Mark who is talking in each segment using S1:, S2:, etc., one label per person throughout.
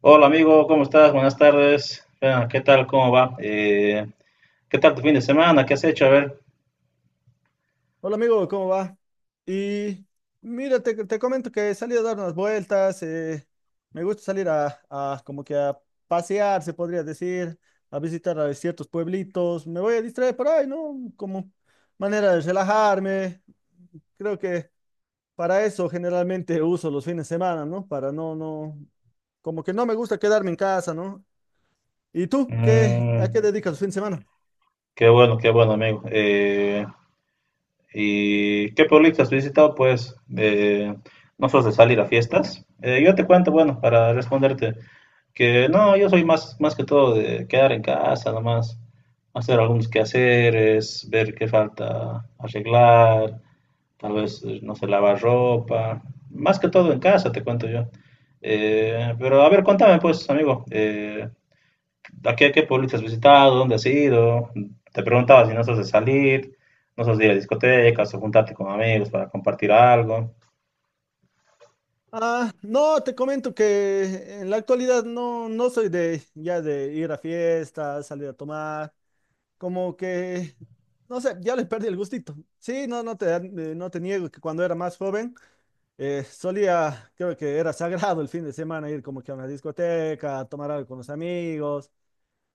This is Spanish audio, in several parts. S1: Hola amigo, ¿cómo estás? Buenas tardes. Ah, ¿qué tal? ¿Cómo va? ¿Qué tal tu fin de semana? ¿Qué has hecho? A ver.
S2: Hola amigo, ¿cómo va? Y mira, te comento que salí a dar unas vueltas, me gusta salir a como que a pasear, se podría decir, a visitar a ciertos pueblitos, me voy a distraer por ahí, ¿no? Como manera de relajarme, creo que para eso generalmente uso los fines de semana, ¿no? Para como que no me gusta quedarme en casa, ¿no? ¿Y tú qué, a qué
S1: Mm,
S2: dedicas los fines de semana?
S1: Qué bueno, qué bueno amigo. ¿Y qué pueblitos has visitado? Pues no sos de salir a fiestas. Yo te cuento, bueno, para responderte, que no, yo soy más que todo de quedar en casa, nomás hacer algunos quehaceres, ver qué falta arreglar. Tal vez, no se lava ropa, más que todo en casa, te cuento yo. Pero a ver, cuéntame pues, amigo, ¿Qué pueblito has visitado? ¿Dónde has ido? Te preguntaba si no sos de salir, no sos de ir a discotecas o juntarte con amigos para compartir algo.
S2: Ah, no, te comento que en la actualidad no soy de ya de ir a fiestas, salir a tomar, como que, no sé, ya le perdí el gustito. Sí, no no te niego que cuando era más joven solía, creo que era sagrado el fin de semana ir como que a una discoteca, a tomar algo con los amigos.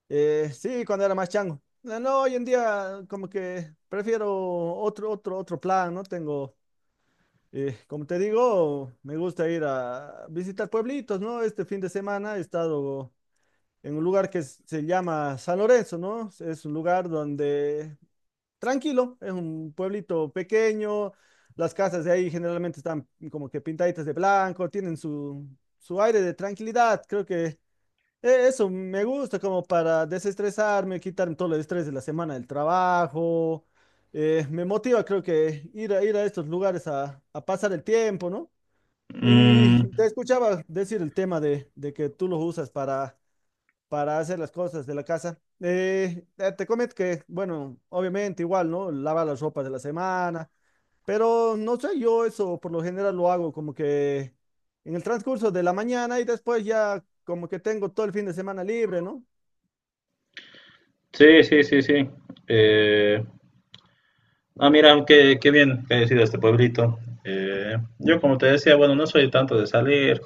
S2: Sí, cuando era más chango. No, no, hoy en día como que prefiero otro plan, ¿no? Tengo... como te digo, me gusta ir a visitar pueblitos, ¿no? Este fin de semana he estado en un lugar que se llama San Lorenzo, ¿no? Es un lugar donde tranquilo, es un pueblito pequeño, las casas de ahí generalmente están como que pintaditas de blanco, tienen su aire de tranquilidad, creo que eso me gusta como para desestresarme, quitarme todo el estrés de la semana del trabajo. Me motiva, creo que ir a estos lugares a pasar el tiempo, ¿no? Y
S1: Mm,
S2: te escuchaba decir el tema de que tú lo usas para hacer las cosas de la casa. Te comento que, bueno, obviamente igual, ¿no? Lavar las ropas de la semana, pero no sé, yo eso por lo general lo hago como que en el transcurso de la mañana y después ya como que tengo todo el fin de semana libre, ¿no?
S1: sí, sí, sí, sí. Eh, ah, mira, qué bien que he sido este pueblito. Yo, como te decía, bueno, no soy tanto de salir,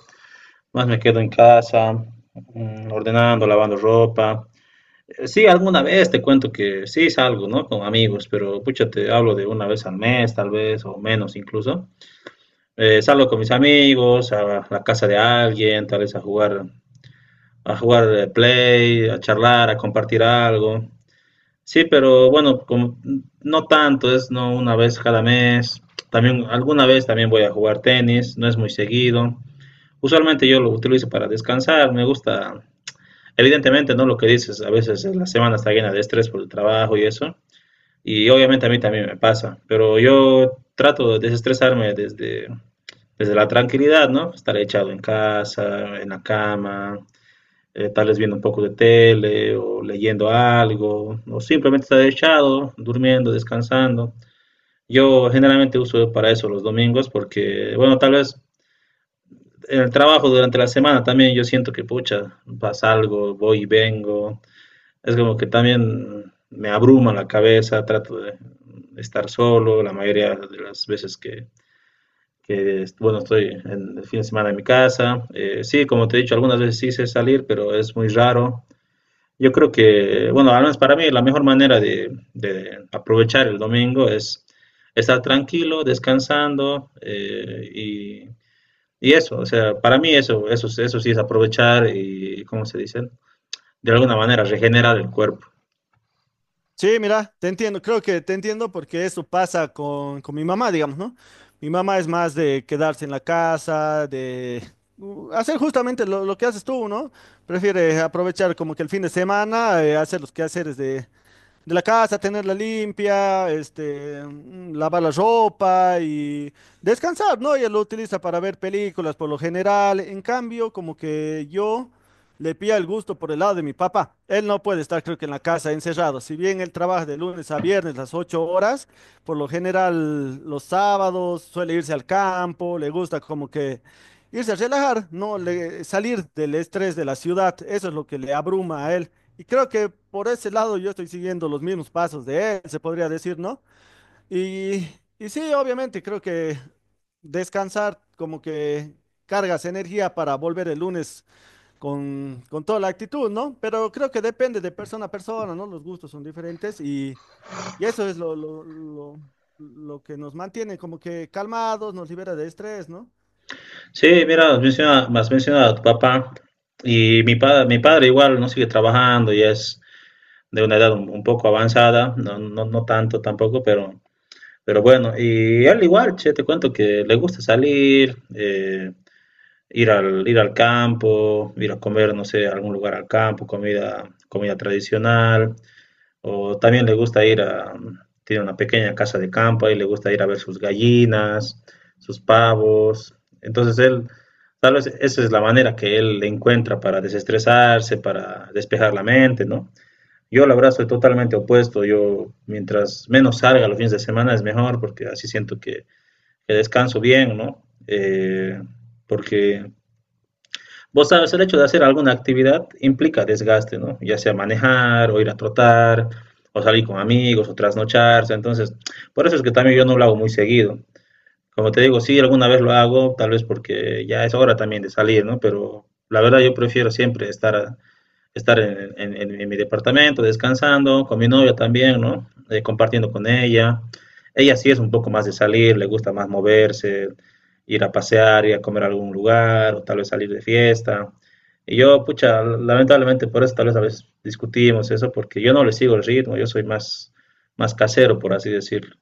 S1: más me quedo en casa, ordenando, lavando ropa. Sí, alguna vez te cuento que sí salgo, ¿no? Con amigos, pero pucha, te hablo de una vez al mes, tal vez, o menos incluso. Salgo con mis amigos a la casa de alguien, tal vez a jugar, play, a charlar, a compartir algo. Sí, pero bueno, como no tanto, es no una vez cada mes. También alguna vez también voy a jugar tenis, no es muy seguido. Usualmente yo lo utilizo para descansar, me gusta. Evidentemente, ¿no? Lo que dices, a veces la semana está llena de estrés por el trabajo y eso. Y obviamente a mí también me pasa, pero yo trato de desestresarme desde la tranquilidad, ¿no? Estar echado en casa, en la cama, tal vez viendo un poco de tele o leyendo algo, o simplemente estar echado, durmiendo, descansando. Yo generalmente uso para eso los domingos porque, bueno, tal vez en el trabajo durante la semana también yo siento que, pucha, pasa algo, voy y vengo, es como que también me abruma la cabeza, trato de estar solo la mayoría de las veces que, bueno, estoy en el fin de semana en mi casa. Sí, como te he dicho, algunas veces sí sé salir, pero es muy raro. Yo creo que, bueno, al menos para mí la mejor manera de aprovechar el domingo es estar tranquilo, descansando, y eso, o sea, para mí eso sí es aprovechar y, ¿cómo se dice? De alguna manera regenerar el cuerpo.
S2: Sí, mira, te entiendo, creo que te entiendo porque eso pasa con mi mamá, digamos, ¿no? Mi mamá es más de quedarse en la casa, de hacer justamente lo que haces tú, ¿no? Prefiere aprovechar como que el fin de semana, hacer los quehaceres de la casa, tenerla limpia, este, mm, lavar la ropa y descansar, ¿no? Ella lo utiliza para ver películas por lo general. En cambio, como que yo le pilla el gusto por el lado de mi papá. Él no puede estar, creo que en la casa encerrado. Si bien él trabaja de lunes a viernes las ocho horas, por lo general los sábados suele irse al campo, le gusta como que irse a relajar, no le, salir del estrés de la ciudad. Eso es lo que le abruma a él. Y creo que por ese lado yo estoy siguiendo los mismos pasos de él, se podría decir, ¿no? Y, y sí, obviamente, creo que descansar como que cargas energía para volver el lunes con toda la actitud, ¿no? Pero creo que depende de persona a persona, ¿no? Los gustos son diferentes y eso es lo que nos mantiene como que calmados, nos libera de estrés, ¿no?
S1: Sí, mira, has mencionado a tu papá y mi padre igual no sigue trabajando y es de una edad un poco avanzada, no, no, no tanto tampoco, pero bueno, y él igual, che, te cuento que le gusta salir, ir al campo, ir a comer, no sé, a algún lugar al campo, comida tradicional, o también le gusta tiene una pequeña casa de campo y le gusta ir a ver sus gallinas, sus pavos. Entonces él, tal vez esa es la manera que él encuentra para desestresarse, para despejar la mente, ¿no? Yo la verdad soy totalmente opuesto, yo mientras menos salga los fines de semana es mejor porque así siento que descanso bien, ¿no? Porque vos sabes, el hecho de hacer alguna actividad implica desgaste, ¿no? Ya sea manejar, o ir a trotar, o salir con amigos, o trasnocharse. Entonces, por eso es que también yo no lo hago muy seguido. Como te digo, sí, alguna vez lo hago, tal vez porque ya es hora también de salir, ¿no? Pero la verdad yo prefiero siempre estar en mi departamento descansando, con mi novia también, ¿no? Compartiendo con ella. Ella sí es un poco más de salir, le gusta más moverse, ir a pasear, ir a comer a algún lugar, o tal vez salir de fiesta. Y yo, pucha, lamentablemente por eso tal vez a veces discutimos eso, porque yo no le sigo el ritmo, yo soy más casero, por así decirlo.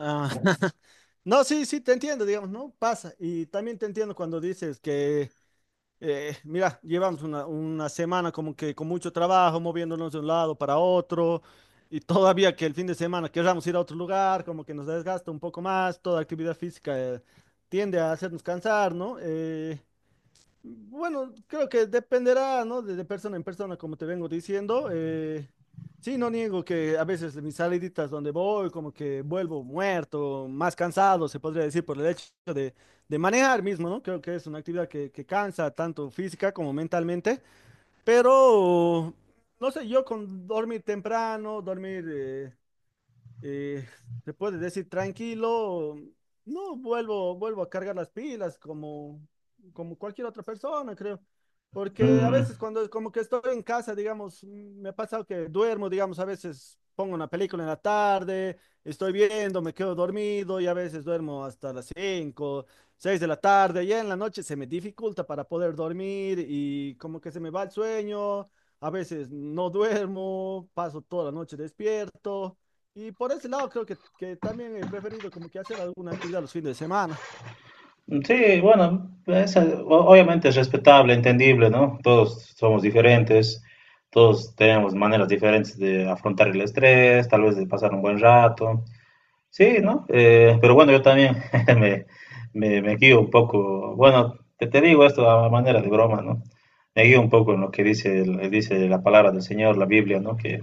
S2: Ah, no, sí, sí, te entiendo, digamos, ¿no? Pasa. Y también te entiendo cuando dices que mira, llevamos una semana como que con mucho trabajo, moviéndonos de un lado para otro, y todavía que el fin de semana queramos ir a otro lugar, como que nos desgasta un poco más, toda actividad física tiende a hacernos cansar, ¿no? Bueno, creo que dependerá, ¿no? De persona en persona, como te vengo diciendo. Sí, no niego que a veces mis saliditas donde voy, como que vuelvo muerto, más cansado, se podría decir, por el hecho de, de manejar mismo, ¿no? Creo que es una actividad que cansa tanto física como mentalmente, pero, no sé, yo con dormir temprano, dormir... eh, se puede decir tranquilo, no vuelvo, vuelvo a cargar las pilas como, como cualquier otra persona, creo. Porque a
S1: Mm,
S2: veces cuando como que estoy en casa, digamos, mm, me ha pasado que duermo, digamos, a veces pongo una película en la tarde, estoy viendo, me quedo dormido y a veces duermo hasta las 5 6 de la tarde, y en la noche se me dificulta para poder dormir y como que se me va el sueño, a veces no duermo, paso toda la noche despierto. Y por ese lado creo que también he preferido como que hacer alguna actividad los fines de semana.
S1: sí, bueno, obviamente es respetable, entendible, ¿no? Todos somos diferentes, todos tenemos maneras diferentes de afrontar el estrés, tal vez de pasar un buen rato. Sí, ¿no? Pero bueno, yo también me, me guío un poco, bueno, te digo esto a manera de broma, ¿no? Me guío un poco en lo que dice, dice la palabra del Señor, la Biblia, ¿no? Que,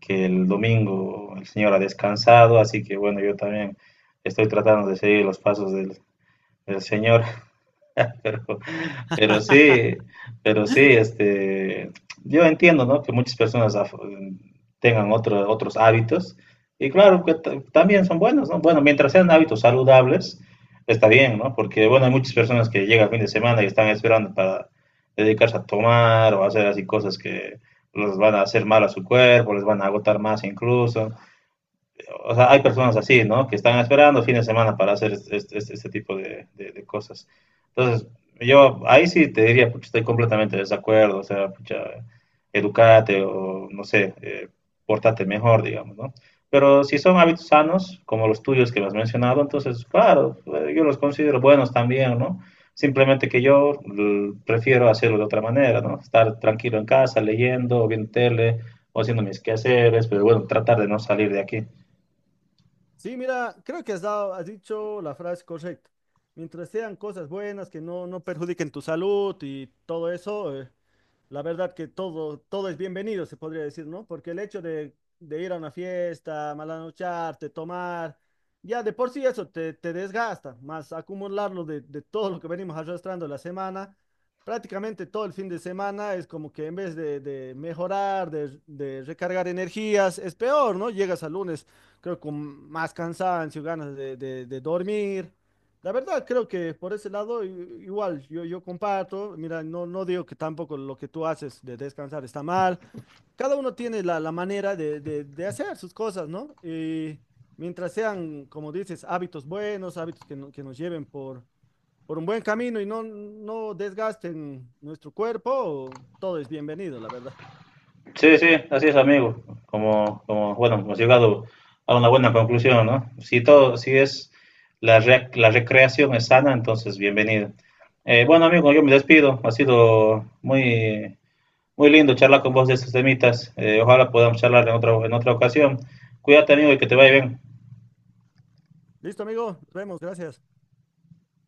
S1: que el domingo el Señor ha descansado, así que bueno, yo también estoy tratando de seguir los pasos del Señor. Pero, pero sí, pero sí, este, yo entiendo, ¿no? Que muchas personas tengan otros hábitos y claro que también son buenos, ¿no? Bueno, mientras sean hábitos saludables, está bien, ¿no? Porque, bueno, hay muchas personas que llegan el fin de semana y están esperando para dedicarse a tomar o hacer así cosas que los van a hacer mal a su cuerpo, les van a agotar más incluso. O sea, hay personas así, ¿no? Que están esperando fin de semana para hacer este tipo de cosas. Entonces, yo ahí sí te diría, pues, estoy completamente de desacuerdo, o sea, pucha, educate o, no sé, portate mejor, digamos, ¿no? Pero si son hábitos sanos, como los tuyos que me has mencionado, entonces, claro, yo los considero buenos también, ¿no? Simplemente que yo prefiero hacerlo de otra manera, ¿no? Estar tranquilo en casa, leyendo, o viendo tele, o haciendo mis quehaceres, pero bueno, tratar de no salir de aquí.
S2: Sí, mira, creo que has dicho la frase correcta. Mientras sean cosas buenas, que no perjudiquen tu salud y todo eso, la verdad que todo, todo es bienvenido, se podría decir, ¿no? Porque el hecho de ir a una fiesta, malanocharte, tomar, ya de por sí eso te desgasta, más acumularlo de todo lo que venimos arrastrando la semana, prácticamente todo el fin de semana es como que en vez de mejorar, de recargar energías, es peor, ¿no? Llegas al lunes, creo, con más cansancio, ganas de, de dormir. La verdad, creo que por ese lado igual yo, yo comparto, mira, no, no digo que tampoco lo que tú haces de descansar está mal, cada uno tiene la, la manera de, de hacer sus cosas, ¿no? Y mientras sean, como dices, hábitos buenos, hábitos que, que nos lleven por un buen camino y no desgasten nuestro cuerpo, todo es bienvenido, la verdad.
S1: Sí, sí, así es, amigo. Como bueno, hemos llegado a una buena conclusión, ¿no? Si es la recreación es sana, entonces bienvenido. Bueno, amigo, yo me despido. Ha sido muy, muy lindo charlar con vos de estos temitas. Ojalá podamos charlar en otra ocasión. Cuídate, amigo, y que te vaya bien.
S2: Listo, amigo, nos vemos, gracias.